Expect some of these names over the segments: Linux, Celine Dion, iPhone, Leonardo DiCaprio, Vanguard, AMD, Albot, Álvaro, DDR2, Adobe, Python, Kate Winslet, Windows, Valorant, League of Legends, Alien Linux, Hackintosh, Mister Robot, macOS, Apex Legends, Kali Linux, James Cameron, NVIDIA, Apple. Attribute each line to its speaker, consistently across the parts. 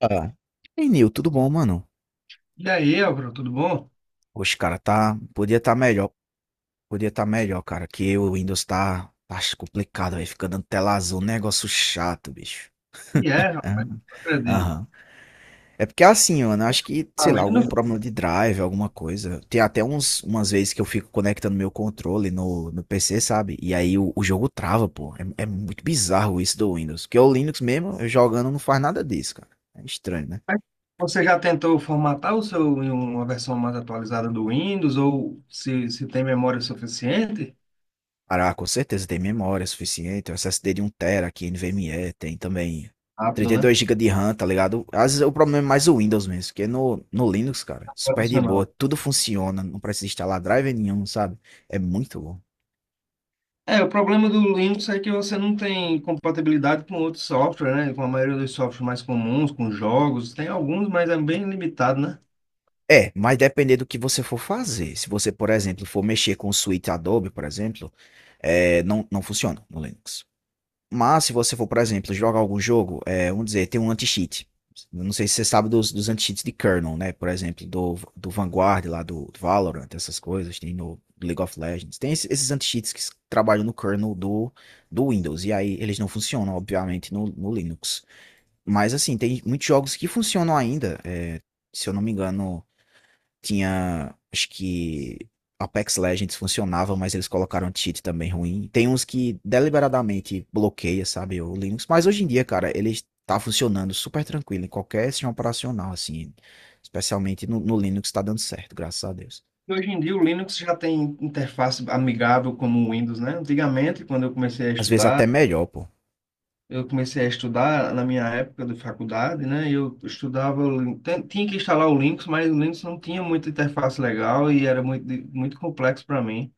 Speaker 1: Ah. Ei, Nil, tudo bom, mano?
Speaker 2: E aí, Álvaro, tudo bom?
Speaker 1: Oxe, cara, tá. Podia tá melhor. Podia tá melhor, cara. Que o Windows tá. Tá complicado, aí fica dando tela azul, um negócio chato, bicho.
Speaker 2: E é,
Speaker 1: Ah.
Speaker 2: rapaz, não acredito.
Speaker 1: Aham. É porque é assim, mano, eu acho que,
Speaker 2: Tá
Speaker 1: sei lá,
Speaker 2: vendo?
Speaker 1: algum problema de drive, alguma coisa. Tem até uns, umas vezes que eu fico conectando meu controle no PC, sabe? E aí o jogo trava, pô. É, é muito bizarro isso do Windows. Porque o Linux mesmo, eu jogando, não faz nada disso, cara. É estranho, né?
Speaker 2: Mas Você já tentou formatar o seu em uma versão mais atualizada do Windows ou se tem memória suficiente?
Speaker 1: Cara, ah, com certeza tem memória suficiente, o SSD de um tera aqui, NVMe, tem também
Speaker 2: Rápido,
Speaker 1: 32
Speaker 2: né?
Speaker 1: GB de RAM, tá ligado? Às vezes é o problema é mais o Windows mesmo, porque no Linux, cara, super de boa,
Speaker 2: Vai
Speaker 1: tudo funciona, não precisa instalar driver nenhum, sabe? É muito bom.
Speaker 2: É, o problema do Linux é que você não tem compatibilidade com outros softwares, né? Com a maioria dos softwares mais comuns, com jogos. Tem alguns, mas é bem limitado, né?
Speaker 1: É, mas depender do que você for fazer. Se você, por exemplo, for mexer com o suíte Adobe, por exemplo, é, não funciona no Linux. Mas se você for, por exemplo, jogar algum jogo, é, vamos dizer, tem um anti-cheat. Eu não sei se você sabe dos anti-cheats de kernel, né? Por exemplo, do Vanguard lá, do Valorant, essas coisas, tem no League of Legends. Tem esses anti-cheats que trabalham no kernel do Windows. E aí eles não funcionam, obviamente, no Linux. Mas assim, tem muitos jogos que funcionam ainda. É, se eu não me engano, tinha, acho que Apex Legends funcionava, mas eles colocaram um cheat também ruim. Tem uns que deliberadamente bloqueia, sabe, o Linux. Mas hoje em dia, cara, ele tá funcionando super tranquilo em qualquer sistema operacional, assim. Especialmente no Linux tá dando certo, graças a Deus.
Speaker 2: E hoje em dia o Linux já tem interface amigável como o Windows, né? Antigamente, quando eu comecei a
Speaker 1: Às vezes
Speaker 2: estudar,
Speaker 1: até melhor, pô.
Speaker 2: eu comecei a estudar na minha época de faculdade, né? Eu estudava, tinha que instalar o Linux, mas o Linux não tinha muita interface legal e era muito complexo para mim.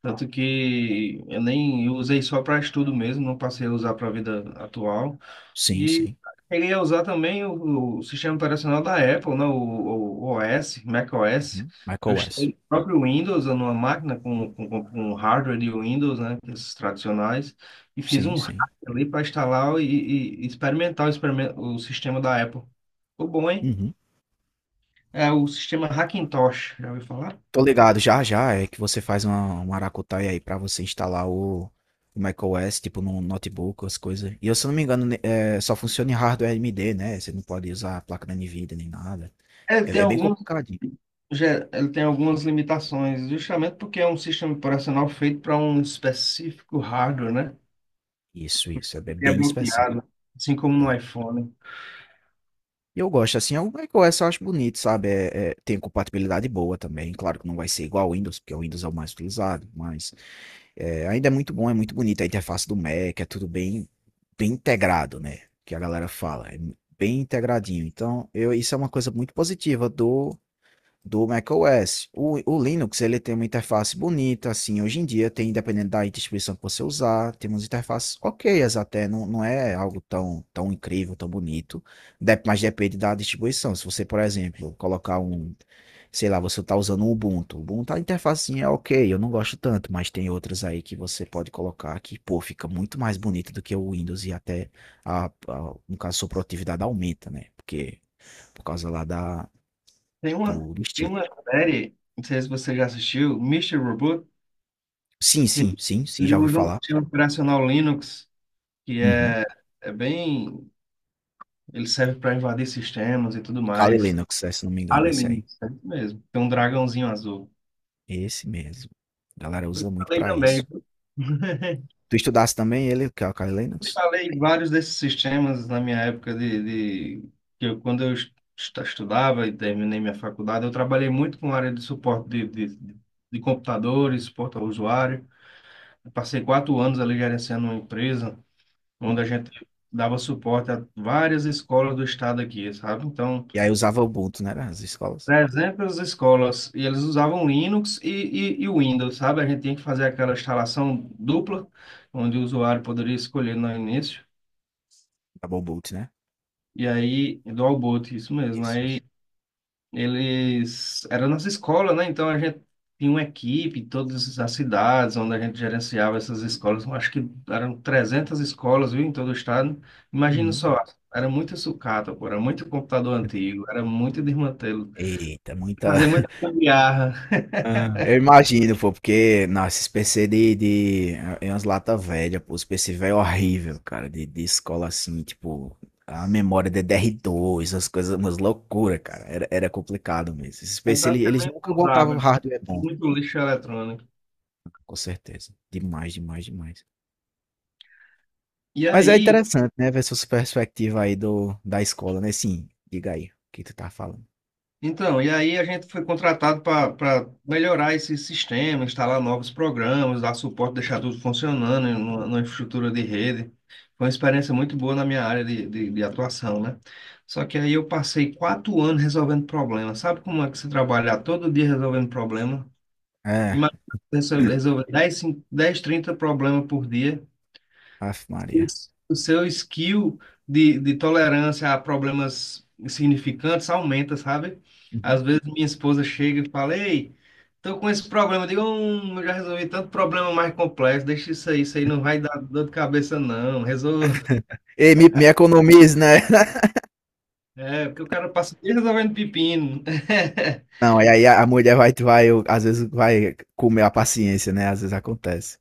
Speaker 2: Tanto que eu nem eu usei só para estudo mesmo, não passei a usar para a vida atual.
Speaker 1: Sim,
Speaker 2: E
Speaker 1: sim.
Speaker 2: queria usar também o sistema operacional da Apple, né? O OS, macOS.
Speaker 1: Uhum.
Speaker 2: Eu
Speaker 1: macOS.
Speaker 2: instalei o próprio Windows numa máquina com hardware de Windows, né? Esses tradicionais. E fiz
Speaker 1: Sim,
Speaker 2: um hack
Speaker 1: sim.
Speaker 2: ali para instalar e experimentar o sistema da Apple. Ficou bom, hein?
Speaker 1: Uhum.
Speaker 2: É o sistema Hackintosh, já ouviu falar?
Speaker 1: Tô ligado, já já é que você faz uma Aracutaia aí pra você instalar o macOS, tipo no notebook, as coisas. E eu, se eu não me engano, é, só funciona em hardware AMD, né? Você não pode usar a placa da NVIDIA nem nada.
Speaker 2: É, ele
Speaker 1: É,
Speaker 2: tem
Speaker 1: é bem complicadinho.
Speaker 2: ele tem algumas limitações, justamente porque é um sistema operacional feito para um específico hardware, né?
Speaker 1: Isso, é bem
Speaker 2: É
Speaker 1: bem específico.
Speaker 2: bloqueado, assim como no
Speaker 1: É.
Speaker 2: iPhone.
Speaker 1: E eu gosto, assim, o macOS eu acho bonito, sabe? É, é, tem compatibilidade boa também. Claro que não vai ser igual ao Windows, porque o Windows é o mais utilizado, mas é, ainda é muito bom, é muito bonito a interface do Mac, é tudo bem, bem integrado, né? Que a galera fala, é bem integradinho. Então, eu, isso é uma coisa muito positiva do macOS. O Linux ele tem uma interface bonita, assim, hoje em dia tem, independente da distribuição que você usar, tem umas interfaces ok até, não, não é algo tão, tão incrível, tão bonito, mas depende da distribuição. Se você, por exemplo, colocar um, sei lá, você está usando um Ubuntu, o Ubuntu a interfacinha é ok, eu não gosto tanto, mas tem outras aí que você pode colocar que, pô, fica muito mais bonito do que o Windows e até, no caso, a sua produtividade aumenta, né? Porque, por causa lá da,
Speaker 2: Tem uma,
Speaker 1: do
Speaker 2: Tem
Speaker 1: estilo.
Speaker 2: uma série, não sei se você já assistiu, Mister Robot,
Speaker 1: Sim,
Speaker 2: que
Speaker 1: sim, sim, sim,
Speaker 2: ele
Speaker 1: já ouvi
Speaker 2: usa um
Speaker 1: falar.
Speaker 2: sistema operacional Linux, que
Speaker 1: Uhum.
Speaker 2: é bem. Ele serve para invadir sistemas e tudo
Speaker 1: Kali
Speaker 2: mais.
Speaker 1: Linux, é, se não me engano,
Speaker 2: Alien
Speaker 1: esse aí.
Speaker 2: Linux, é isso mesmo. Tem um dragãozinho azul.
Speaker 1: Esse mesmo. A galera
Speaker 2: Eu
Speaker 1: usa muito
Speaker 2: falei
Speaker 1: pra
Speaker 2: também,
Speaker 1: isso.
Speaker 2: viu?
Speaker 1: Tu estudasse também ele, que é o Kali Linux?
Speaker 2: Instalei vários desses sistemas na minha época de que eu, quando eu estudava e terminei minha faculdade, eu trabalhei muito com a área de suporte de computadores, suporte ao usuário. Eu passei quatro anos ali gerenciando uma empresa onde
Speaker 1: Uhum.
Speaker 2: a gente dava suporte a várias escolas do estado aqui, sabe? Então,
Speaker 1: E aí usava o Ubuntu, né, as escolas?
Speaker 2: 300 escolas e eles usavam Linux e Windows, sabe? A gente tinha que fazer aquela instalação dupla, onde o usuário poderia escolher no início.
Speaker 1: Double boot, né?
Speaker 2: E aí, do Albot, isso mesmo.
Speaker 1: Isso, isso.
Speaker 2: Aí eles. Era a nossa escola, né? Então a gente tinha uma equipe, todas as cidades onde a gente gerenciava essas escolas. Eu acho que eram 300 escolas, viu, em todo o estado. Imagina
Speaker 1: Uhum.
Speaker 2: só, era muita sucata, pô, era muito computador antigo, era muito desmantelo.
Speaker 1: Eita, muita.
Speaker 2: Fazer muita gambiarra.
Speaker 1: Ah, eu imagino, pô, porque, nossa, esses PC de, é umas lata velha, pô, os PC velho é horrível, cara, de escola assim, tipo, a memória DDR2, as coisas, umas loucura, cara, era, era complicado mesmo. Esses
Speaker 2: É
Speaker 1: PC, eles,
Speaker 2: praticamente
Speaker 1: nunca botavam
Speaker 2: usável.
Speaker 1: hardware bom,
Speaker 2: Muito lixo eletrônico.
Speaker 1: com certeza, demais, demais, demais.
Speaker 2: E
Speaker 1: Mas é
Speaker 2: aí.
Speaker 1: interessante, né, ver essa perspectiva aí do, da escola, né, sim, diga aí, o que tu tá falando.
Speaker 2: Então, e aí a gente foi contratado para melhorar esse sistema, instalar novos programas, dar suporte, deixar tudo funcionando em numa infraestrutura de rede. Foi uma experiência muito boa na minha área de atuação, né? Só que aí eu passei quatro anos resolvendo problemas. Sabe como é que você trabalhar todo dia resolvendo problema?
Speaker 1: É,
Speaker 2: Imagina você resolver 10, 5, 10, 30 problemas por dia
Speaker 1: Ave Maria.
Speaker 2: o seu skill de tolerância a problemas significantes aumenta, sabe?
Speaker 1: Uhum.
Speaker 2: Às vezes minha esposa chega e fala, ei, tô com esse problema. Eu digo, eu já resolvi tanto problema mais complexo, deixa isso aí não vai dar dor de cabeça, não. Resolva.
Speaker 1: Ei, me economize, né?
Speaker 2: É, porque o cara passa o dia resolvendo pepino.
Speaker 1: Não, e aí a mulher vai, vai, às vezes vai comer a paciência, né? Às vezes acontece.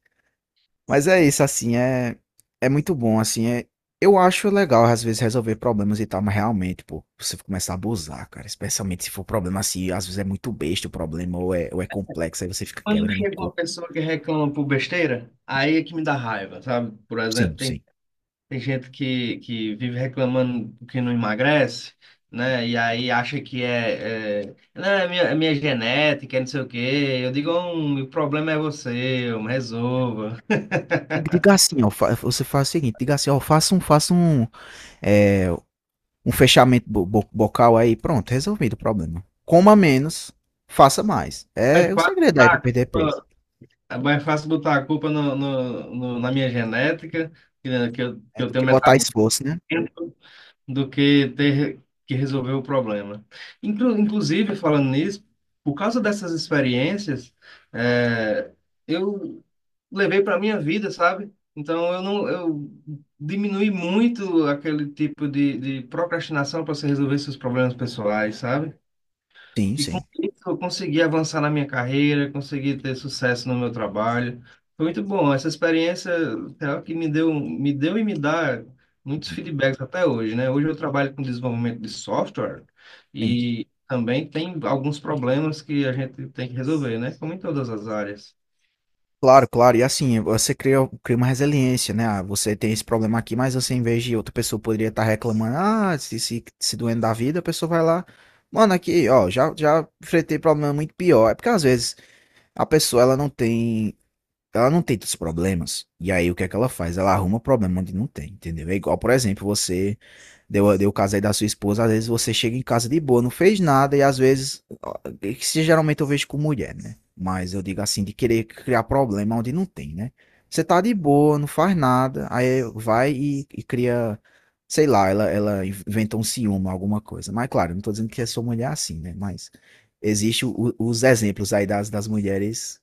Speaker 1: Mas é isso, assim, é, é muito bom, assim, é, eu acho legal às vezes resolver problemas e tal, mas realmente, pô, você começa a abusar, cara, especialmente se for problema assim, às vezes é muito besta o problema, ou é complexo, aí você fica
Speaker 2: Quando
Speaker 1: quebrando o
Speaker 2: chega uma
Speaker 1: coco.
Speaker 2: pessoa que reclama por besteira, aí é que me dá raiva, sabe? Por exemplo,
Speaker 1: Sim,
Speaker 2: tem
Speaker 1: sim.
Speaker 2: tem gente que vive reclamando que não emagrece, né? E aí acha que não, é minha genética, é não sei o quê. Eu digo, o problema é você, eu me resolva.
Speaker 1: Diga assim, ó, você faz o seguinte, diga assim, ó, faça um, é, um fechamento bocal aí, pronto, resolvido o problema. Coma menos, faça mais.
Speaker 2: É
Speaker 1: É o
Speaker 2: fácil
Speaker 1: segredo aí
Speaker 2: botar
Speaker 1: para
Speaker 2: a
Speaker 1: perder peso.
Speaker 2: culpa, é mais fácil botar a culpa na minha genética, que eu, que
Speaker 1: É
Speaker 2: eu
Speaker 1: do
Speaker 2: tenho
Speaker 1: que botar
Speaker 2: metabolismo.
Speaker 1: esforço, né?
Speaker 2: Do que ter que resolver o problema. Inclusive, falando nisso, por causa dessas experiências, é, eu levei para minha vida, sabe? Então eu não eu diminui muito aquele tipo de procrastinação para você resolver seus problemas pessoais, sabe?
Speaker 1: Sim,
Speaker 2: E com
Speaker 1: sim,
Speaker 2: isso eu consegui avançar na minha carreira, consegui ter sucesso no meu trabalho. Foi muito bom. Essa experiência é algo que me deu e me dá muitos feedbacks até hoje, né? Hoje eu trabalho com desenvolvimento de software
Speaker 1: sim.
Speaker 2: e também tem alguns problemas que a gente tem que resolver, né? Como em todas as áreas.
Speaker 1: Claro, claro. E assim, você cria, cria uma resiliência, né? Ah, você tem esse problema aqui, mas você, em vez de outra pessoa poderia estar reclamando, ah, se doendo da vida, a pessoa vai lá. Mano, aqui, ó, já, já enfrentei problema muito pior. É porque às vezes a pessoa ela não tem tantos problemas. E aí o que é que ela faz? Ela arruma problema onde não tem, entendeu? É igual, por exemplo, você deu o caso aí da sua esposa, às vezes você chega em casa de boa, não fez nada, e às vezes, ó, é que geralmente eu vejo com mulher, né? Mas eu digo assim, de querer criar problema onde não tem, né? Você tá de boa, não faz nada, aí vai e cria, sei lá, ela inventa um ciúme, alguma coisa. Mas claro, eu não tô dizendo que a sua mulher é assim, né? Mas existe os exemplos aí das mulheres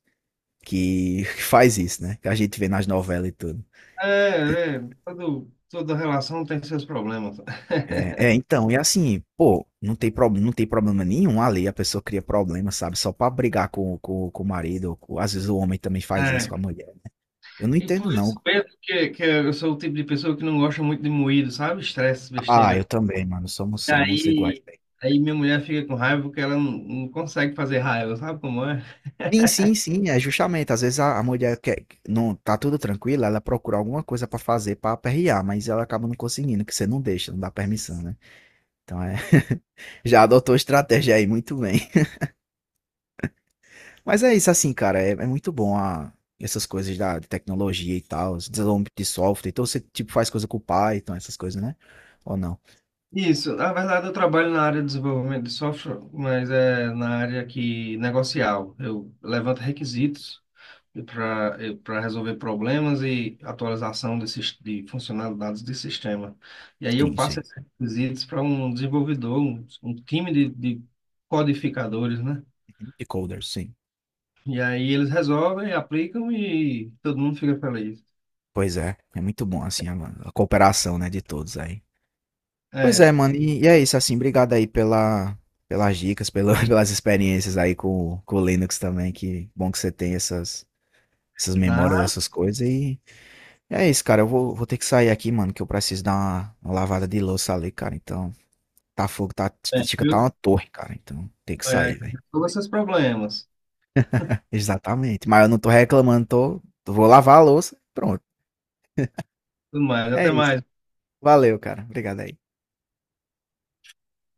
Speaker 1: que faz isso, né? Que a gente vê nas novelas e tudo.
Speaker 2: Toda relação tem seus problemas.
Speaker 1: É, é, então, e assim, pô, não tem, pro, não tem problema nenhum ali, a pessoa cria problema, sabe? Só pra brigar com o marido, ou às vezes o homem também faz isso
Speaker 2: É.
Speaker 1: com a mulher, né? Eu não
Speaker 2: E
Speaker 1: entendo,
Speaker 2: por
Speaker 1: não.
Speaker 2: isso mesmo que eu sou o tipo de pessoa que não gosta muito de moído, sabe? Estresse,
Speaker 1: Ah, eu
Speaker 2: besteira.
Speaker 1: também, mano, somos, somos iguais.
Speaker 2: Aí,
Speaker 1: Né?
Speaker 2: Aí minha mulher fica com raiva porque ela não consegue fazer raiva, sabe como é?
Speaker 1: Sim, sim, sim, é justamente, às vezes a mulher quer, não, tá tudo tranquilo, ela procura alguma coisa pra fazer pra aperrear, mas ela acaba não conseguindo, que você não deixa, não dá permissão, né? Então é, já adotou estratégia aí, muito bem. Mas é isso, assim, cara, é, é muito bom essas coisas da de tecnologia e tal, os desenvolvimento de software. Então você, tipo, faz coisa com o Python, essas coisas, né? Ou não?
Speaker 2: Isso, na verdade eu trabalho na área de desenvolvimento de software, mas é na área que negocial. Eu levanto requisitos para para resolver problemas e atualização desses, de funcionalidades de sistema. E aí eu
Speaker 1: Sim,
Speaker 2: passo
Speaker 1: sim.
Speaker 2: esses requisitos para um desenvolvedor, um time de codificadores, né?
Speaker 1: E coders sim.
Speaker 2: E aí eles resolvem, aplicam e todo mundo fica feliz.
Speaker 1: Pois é, é muito bom, assim, a cooperação, né, de todos aí. Pois é,
Speaker 2: É,
Speaker 1: mano, e é isso, assim, obrigado aí pela, pelas dicas, pela, pelas experiências aí com o Linux também, que bom que você tem essas, essas
Speaker 2: na
Speaker 1: memórias, essas coisas, e é isso, cara, eu vou, vou ter que sair aqui, mano, que eu preciso dar uma lavada de louça ali, cara, então... Tá fogo, tá, tá,
Speaker 2: Bem,
Speaker 1: chega tá
Speaker 2: viu?
Speaker 1: uma torre, cara. Então tem que
Speaker 2: É,
Speaker 1: sair, velho.
Speaker 2: resolva seus problemas.
Speaker 1: Exatamente. Mas eu não tô reclamando, tô, vou lavar a louça. Pronto.
Speaker 2: Tudo mais.
Speaker 1: É
Speaker 2: Até
Speaker 1: isso.
Speaker 2: mais.
Speaker 1: Valeu, cara. Obrigado aí.